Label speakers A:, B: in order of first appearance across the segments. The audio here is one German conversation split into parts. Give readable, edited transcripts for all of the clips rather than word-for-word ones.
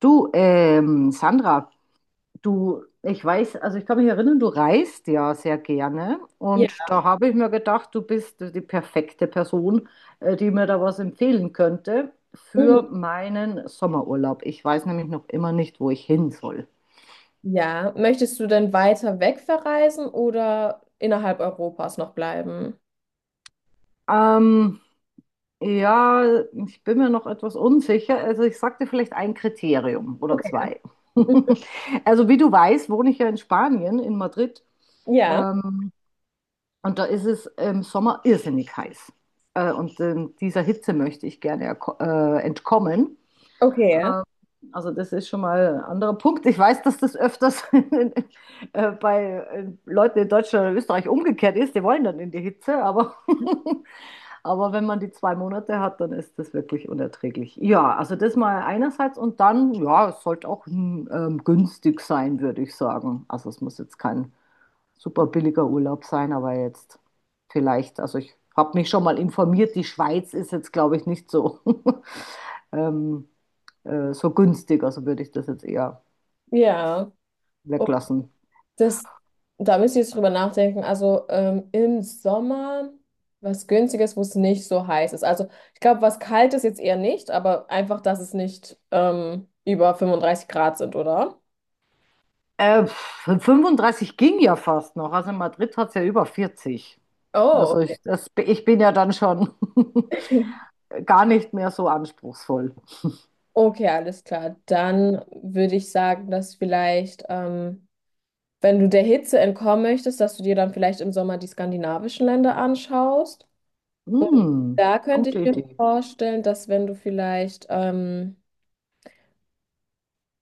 A: Du, Sandra, du, ich weiß, also ich kann mich erinnern, du reist ja sehr gerne
B: Ja.
A: und da habe ich mir gedacht, du bist die perfekte Person, die mir da was empfehlen könnte
B: Mhm.
A: für meinen Sommerurlaub. Ich weiß nämlich noch immer nicht, wo ich hin soll.
B: Ja. Möchtest du denn weiter weg verreisen oder innerhalb Europas noch bleiben?
A: Ähm, ja, ich bin mir noch etwas unsicher. Also ich sagte vielleicht ein Kriterium oder
B: Okay.
A: zwei.
B: Mhm.
A: Also wie du weißt, wohne ich ja in Spanien, in Madrid.
B: Ja.
A: Ähm, Und da ist es im Sommer irrsinnig heiß. Dieser Hitze möchte ich gerne entkommen.
B: Okay.
A: Also das ist schon mal ein anderer Punkt. Ich weiß, dass das öfters bei Leuten in Deutschland oder Österreich umgekehrt ist. Die wollen dann in die Hitze, aber, aber wenn man die zwei Monate hat, dann ist das wirklich unerträglich. Ja, also das mal einerseits und dann, ja, es sollte auch günstig sein, würde ich sagen. Also es muss jetzt kein super billiger Urlaub sein, aber jetzt vielleicht, also ich habe mich schon mal informiert, die Schweiz ist jetzt, glaube ich, nicht so, ähm, so günstig, also würde ich das jetzt eher
B: Ja. Oh,
A: weglassen.
B: das, da müsst ihr jetzt drüber nachdenken. Also im Sommer was Günstiges, wo es nicht so heiß ist. Also ich glaube, was kalt ist jetzt eher nicht, aber einfach, dass es nicht über 35 Grad sind, oder?
A: 35 ging ja fast noch, also in Madrid hat es ja über 40.
B: Oh,
A: Also
B: okay.
A: ich, das, ich bin ja dann schon gar nicht mehr so anspruchsvoll.
B: Okay, alles klar. Dann würde ich sagen, dass vielleicht wenn du der Hitze entkommen möchtest, dass du dir dann vielleicht im Sommer die skandinavischen Länder anschaust. Und
A: Hm,
B: da könnte ich
A: gute
B: mir
A: Idee.
B: vorstellen, dass wenn du vielleicht,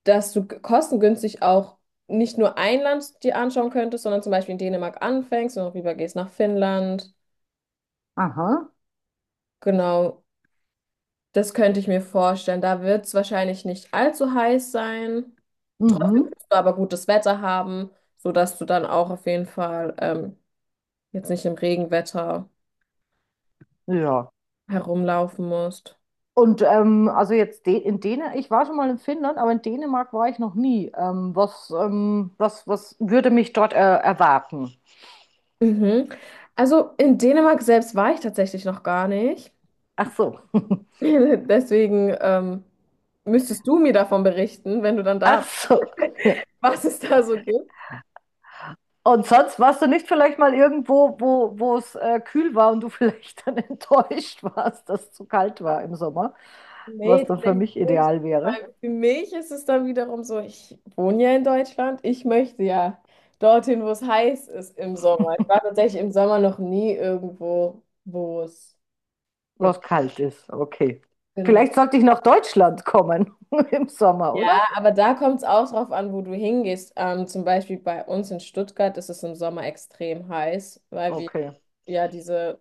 B: dass du kostengünstig auch nicht nur ein Land dir anschauen könntest, sondern zum Beispiel in Dänemark anfängst und auch rübergehst nach Finnland.
A: Aha,
B: Genau, das könnte ich mir vorstellen. Da wird es wahrscheinlich nicht allzu heiß sein,
A: mhm,
B: aber gutes Wetter haben, sodass du dann auch auf jeden Fall jetzt nicht im Regenwetter
A: ja.
B: herumlaufen musst.
A: Und also jetzt De in Dänemark, ich war schon mal in Finnland, aber in Dänemark war ich noch nie. Was, was, was würde mich dort erwarten?
B: Mhm. Also in Dänemark selbst war ich tatsächlich noch gar nicht.
A: Ach so,
B: Deswegen müsstest du mir davon berichten, wenn du dann da
A: ach so.
B: bist, was es da so gibt.
A: Und sonst warst du nicht vielleicht mal irgendwo, wo es kühl war und du vielleicht dann enttäuscht warst, dass es zu kalt war im Sommer,
B: Nee,
A: was dann für
B: tatsächlich
A: mich
B: nicht.
A: ideal wäre,
B: Weil für mich ist es dann wiederum so, ich wohne ja in Deutschland, ich möchte ja dorthin, wo es heiß ist im Sommer. Ich war tatsächlich im Sommer noch nie irgendwo, wo es
A: was
B: jetzt
A: kalt ist. Okay.
B: genau.
A: Vielleicht sollte ich nach Deutschland kommen im Sommer, oder?
B: Ja, aber da kommt es auch drauf an, wo du hingehst. Zum Beispiel bei uns in Stuttgart ist es im Sommer extrem heiß, weil wir
A: Okay.
B: ja diese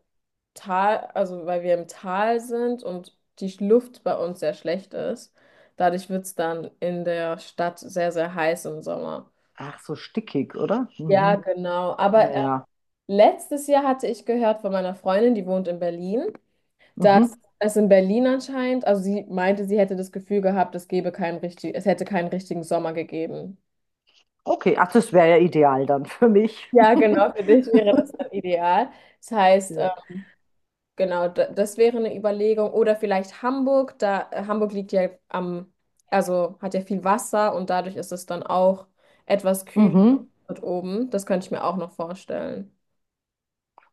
B: Tal, also weil wir im Tal sind und die Luft bei uns sehr schlecht ist. Dadurch wird es dann in der Stadt sehr, sehr heiß im Sommer.
A: Ach so, stickig, oder?
B: Ja,
A: Mhm.
B: genau. Aber
A: Ja.
B: letztes Jahr hatte ich gehört von meiner Freundin, die wohnt in Berlin.
A: Mhm.
B: Es in Berlin anscheinend, also sie meinte, sie hätte das Gefühl gehabt, es gäbe keinen richtig, es hätte keinen richtigen Sommer gegeben.
A: Okay, ach, das wäre ja ideal dann für mich.
B: Ja, genau, für dich wäre das dann ideal. Das heißt,
A: Ja,
B: genau, das wäre eine Überlegung. Oder vielleicht Hamburg, da Hamburg liegt ja am, also hat ja viel Wasser und dadurch ist es dann auch etwas kühler
A: mhm.
B: dort oben. Das könnte ich mir auch noch vorstellen.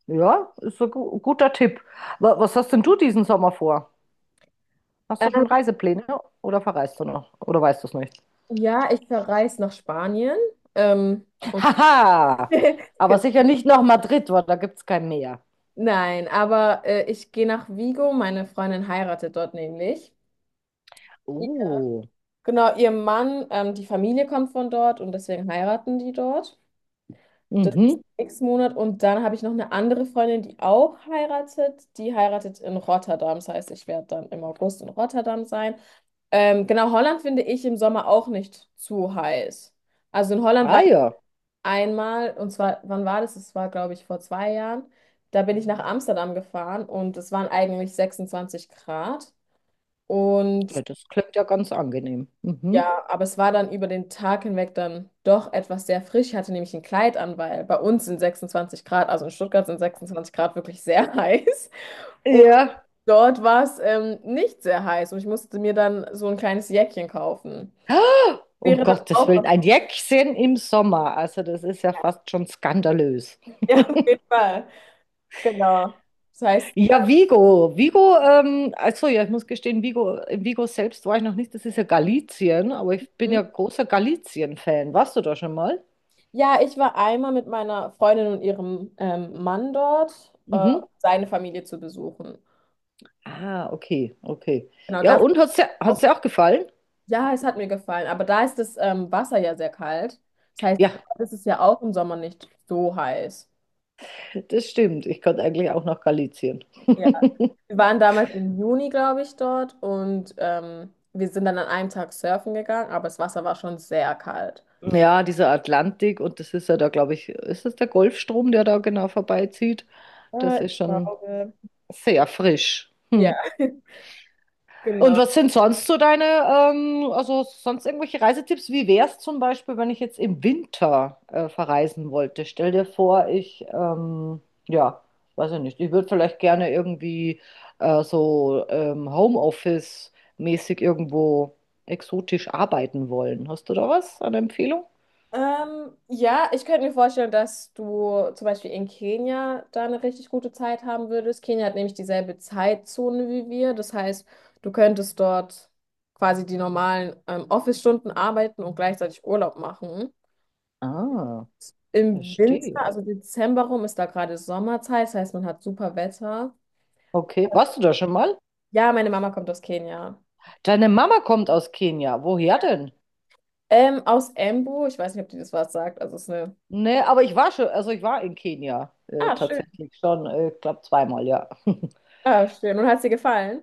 A: Ja, ist ein gu guter Tipp. Was hast denn du diesen Sommer vor? Hast du
B: Ähm,
A: schon Reisepläne oder verreist du noch? Oder weißt du es nicht?
B: Ja, ich verreise nach Spanien. Und
A: Haha, aber
B: Genau.
A: sicher nicht nach Madrid, weil da gibt es kein Meer.
B: Nein, aber ich gehe nach Vigo. Meine Freundin heiratet dort nämlich.
A: Oh,
B: Genau, ihr Mann, die Familie kommt von dort und deswegen heiraten die dort. Das ist
A: mhm.
B: nächsten Monat. Und dann habe ich noch eine andere Freundin, die auch heiratet. Die heiratet in Rotterdam. Das heißt, ich werde dann im August in Rotterdam sein. Genau, Holland finde ich im Sommer auch nicht zu heiß. Also in Holland
A: Ah
B: war ich
A: ja,
B: einmal, und zwar, wann war das? Das war, glaube ich, vor zwei Jahren. Da bin ich nach Amsterdam gefahren und es waren eigentlich 26 Grad. Und
A: ja, das klingt ja ganz angenehm. Mhm.
B: ja, aber es war dann über den Tag hinweg dann doch etwas sehr frisch. Ich hatte nämlich ein Kleid an, weil bei uns sind 26 Grad, also in Stuttgart sind 26 Grad wirklich sehr heiß. Und
A: Ja.
B: dort war es nicht sehr heiß und ich musste mir dann so ein kleines Jäckchen kaufen.
A: Um
B: Wäre dann
A: Gottes
B: auch.
A: Willen, ein Jäckchen im Sommer. Also das ist ja fast schon skandalös.
B: Ja, auf jeden Fall. Genau. Das heißt,
A: Ja, Vigo. Vigo, also ja, ich muss gestehen, Vigo, in Vigo selbst war ich noch nicht, das ist ja Galizien, aber ich bin
B: hm?
A: ja großer Galizien-Fan. Warst du da schon mal?
B: Ja, ich war einmal mit meiner Freundin und ihrem Mann dort,
A: Mhm.
B: um seine Familie zu besuchen.
A: Ah, okay, okay.
B: Genau,
A: Ja,
B: das.
A: und hat's dir auch gefallen?
B: Ja, es hat mir gefallen, aber da ist das Wasser ja sehr kalt. Das heißt,
A: Ja,
B: es ist ja auch im Sommer nicht so heiß.
A: das stimmt. Ich konnte eigentlich auch nach Galizien.
B: Ja. Wir waren damals im Juni, glaube ich, dort und wir sind dann an einem Tag surfen gegangen, aber das Wasser war schon sehr kalt.
A: Ja, dieser Atlantik und das ist ja da, glaube ich, ist das der Golfstrom, der da genau vorbeizieht?
B: Ja,
A: Das ist
B: ich
A: schon
B: glaube.
A: sehr frisch.
B: Ja,
A: Hm. Und
B: genau.
A: was sind sonst so deine also sonst irgendwelche Reisetipps? Wie wäre es zum Beispiel, wenn ich jetzt im Winter verreisen wollte? Stell dir vor, ja, weiß ich nicht, ich würde vielleicht gerne irgendwie Homeoffice-mäßig irgendwo exotisch arbeiten wollen. Hast du da was an Empfehlung?
B: Ja, ich könnte mir vorstellen, dass du zum Beispiel in Kenia da eine richtig gute Zeit haben würdest. Kenia hat nämlich dieselbe Zeitzone wie wir. Das heißt, du könntest dort quasi die normalen Office-Stunden arbeiten und gleichzeitig Urlaub machen.
A: Ah,
B: Im Winter,
A: verstehe.
B: also Dezember rum, ist da gerade Sommerzeit. Das heißt, man hat super Wetter.
A: Okay, warst du da schon mal?
B: Ja, meine Mama kommt aus Kenia.
A: Deine Mama kommt aus Kenia. Woher denn?
B: Aus Embu. Ich weiß nicht, ob die das was sagt. Also es ist eine.
A: Nee, aber ich war schon, also ich war in Kenia
B: Ah, schön.
A: tatsächlich schon, ich glaube zweimal, ja.
B: Ah, schön. Und hat sie gefallen?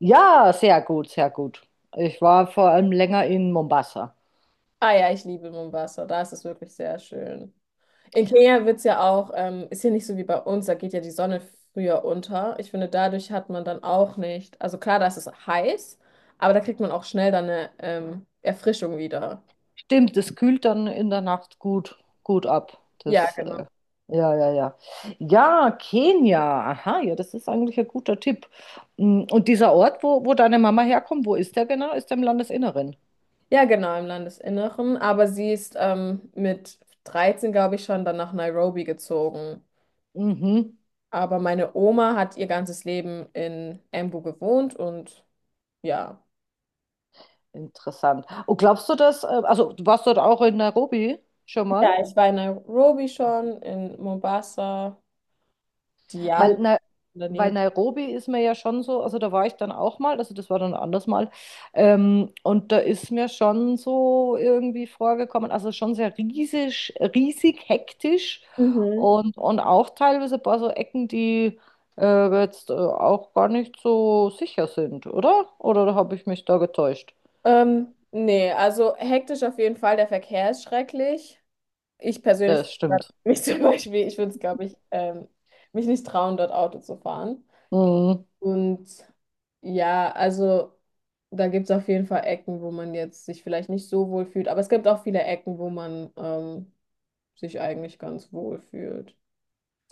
A: Ja, sehr gut, sehr gut. Ich war vor allem länger in Mombasa.
B: Ah ja, ich liebe Mombasa. Da ist es wirklich sehr schön. In Kenia wird es ja auch, ist hier nicht so wie bei uns, da geht ja die Sonne früher unter. Ich finde, dadurch hat man dann auch nicht, also klar, da ist es heiß, aber da kriegt man auch schnell dann eine Erfrischung wieder.
A: Stimmt, es kühlt dann in der Nacht gut ab.
B: Ja, genau.
A: Ja, ja, ja. Ja, Kenia. Aha, ja, das ist eigentlich ein guter Tipp. Mm, und dieser Ort, wo deine Mama herkommt, wo ist der genau? Ist der im Landesinneren?
B: Ja, genau, im Landesinneren. Aber sie ist mit 13, glaube ich, schon dann nach Nairobi gezogen.
A: Mhm,
B: Aber meine Oma hat ihr ganzes Leben in Embu gewohnt und ja.
A: interessant. Und glaubst du, dass, also du warst dort auch in Nairobi schon mal?
B: Ja, ich war in Nairobi schon, in Mombasa,
A: Weil
B: Diani
A: na,
B: in der
A: bei
B: Nähe.
A: Nairobi ist mir ja schon so, also da war ich dann auch mal, also das war dann ein anderes Mal, und da ist mir schon so irgendwie vorgekommen, also schon sehr riesig hektisch
B: Mhm.
A: und auch teilweise ein paar so Ecken, die jetzt auch gar nicht so sicher sind, oder? Oder habe ich mich da getäuscht?
B: Nee, also hektisch auf jeden Fall. Der Verkehr ist schrecklich. Ich
A: Ja,
B: persönlich,
A: das stimmt.
B: mich zum Beispiel, ich würde es, glaube ich, mich nicht trauen, dort Auto zu fahren.
A: Mhm.
B: Und ja, also da gibt es auf jeden Fall Ecken, wo man jetzt sich vielleicht nicht so wohl fühlt. Aber es gibt auch viele Ecken, wo man sich eigentlich ganz wohl fühlt.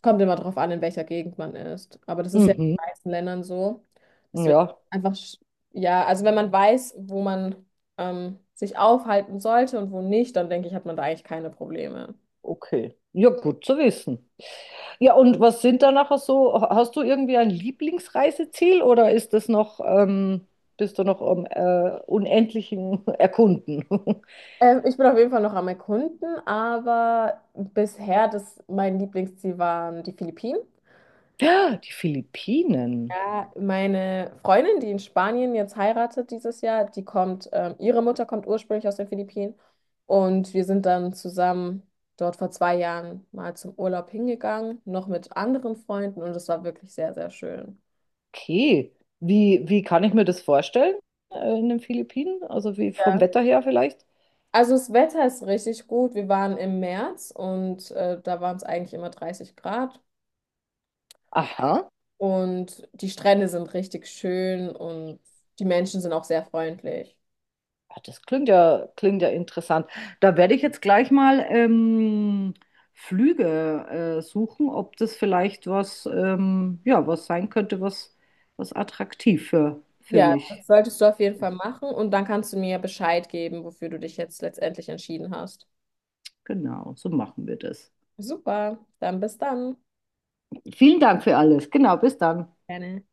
B: Kommt immer drauf an, in welcher Gegend man ist. Aber das ist ja in
A: Mhm.
B: den meisten Ländern so. Deswegen
A: Ja,
B: einfach, ja, also wenn man weiß, wo man sich aufhalten sollte und wo nicht, dann denke ich, hat man da eigentlich keine Probleme.
A: okay. Ja, gut zu wissen. Ja, und was sind da nachher so? Hast du irgendwie ein Lieblingsreiseziel oder ist das noch, bist du noch am unendlichen Erkunden?
B: Ich bin auf jeden Fall noch am Erkunden, aber bisher das, mein Lieblingsziel waren die Philippinen.
A: Ja, die Philippinen.
B: Ja, meine Freundin, die in Spanien jetzt heiratet dieses Jahr, die kommt, ihre Mutter kommt ursprünglich aus den Philippinen und wir sind dann zusammen dort vor zwei Jahren mal zum Urlaub hingegangen, noch mit anderen Freunden und es war wirklich sehr, sehr schön.
A: Okay. Wie kann ich mir das vorstellen, in den Philippinen? Also wie vom Wetter her vielleicht?
B: Also das Wetter ist richtig gut. Wir waren im März und da waren es eigentlich immer 30 Grad
A: Aha.
B: und die Strände sind richtig schön und die Menschen sind auch sehr freundlich.
A: Ah, das klingt ja interessant. Da werde ich jetzt gleich mal Flüge suchen, ob das vielleicht was, ja, was sein könnte, was attraktiv für
B: Ja,
A: mich
B: das solltest du auf jeden
A: ist.
B: Fall machen und dann kannst du mir Bescheid geben, wofür du dich jetzt letztendlich entschieden hast.
A: Genau, so machen wir das.
B: Super, dann bis dann.
A: Vielen Dank für alles. Genau, bis dann.
B: Gerne.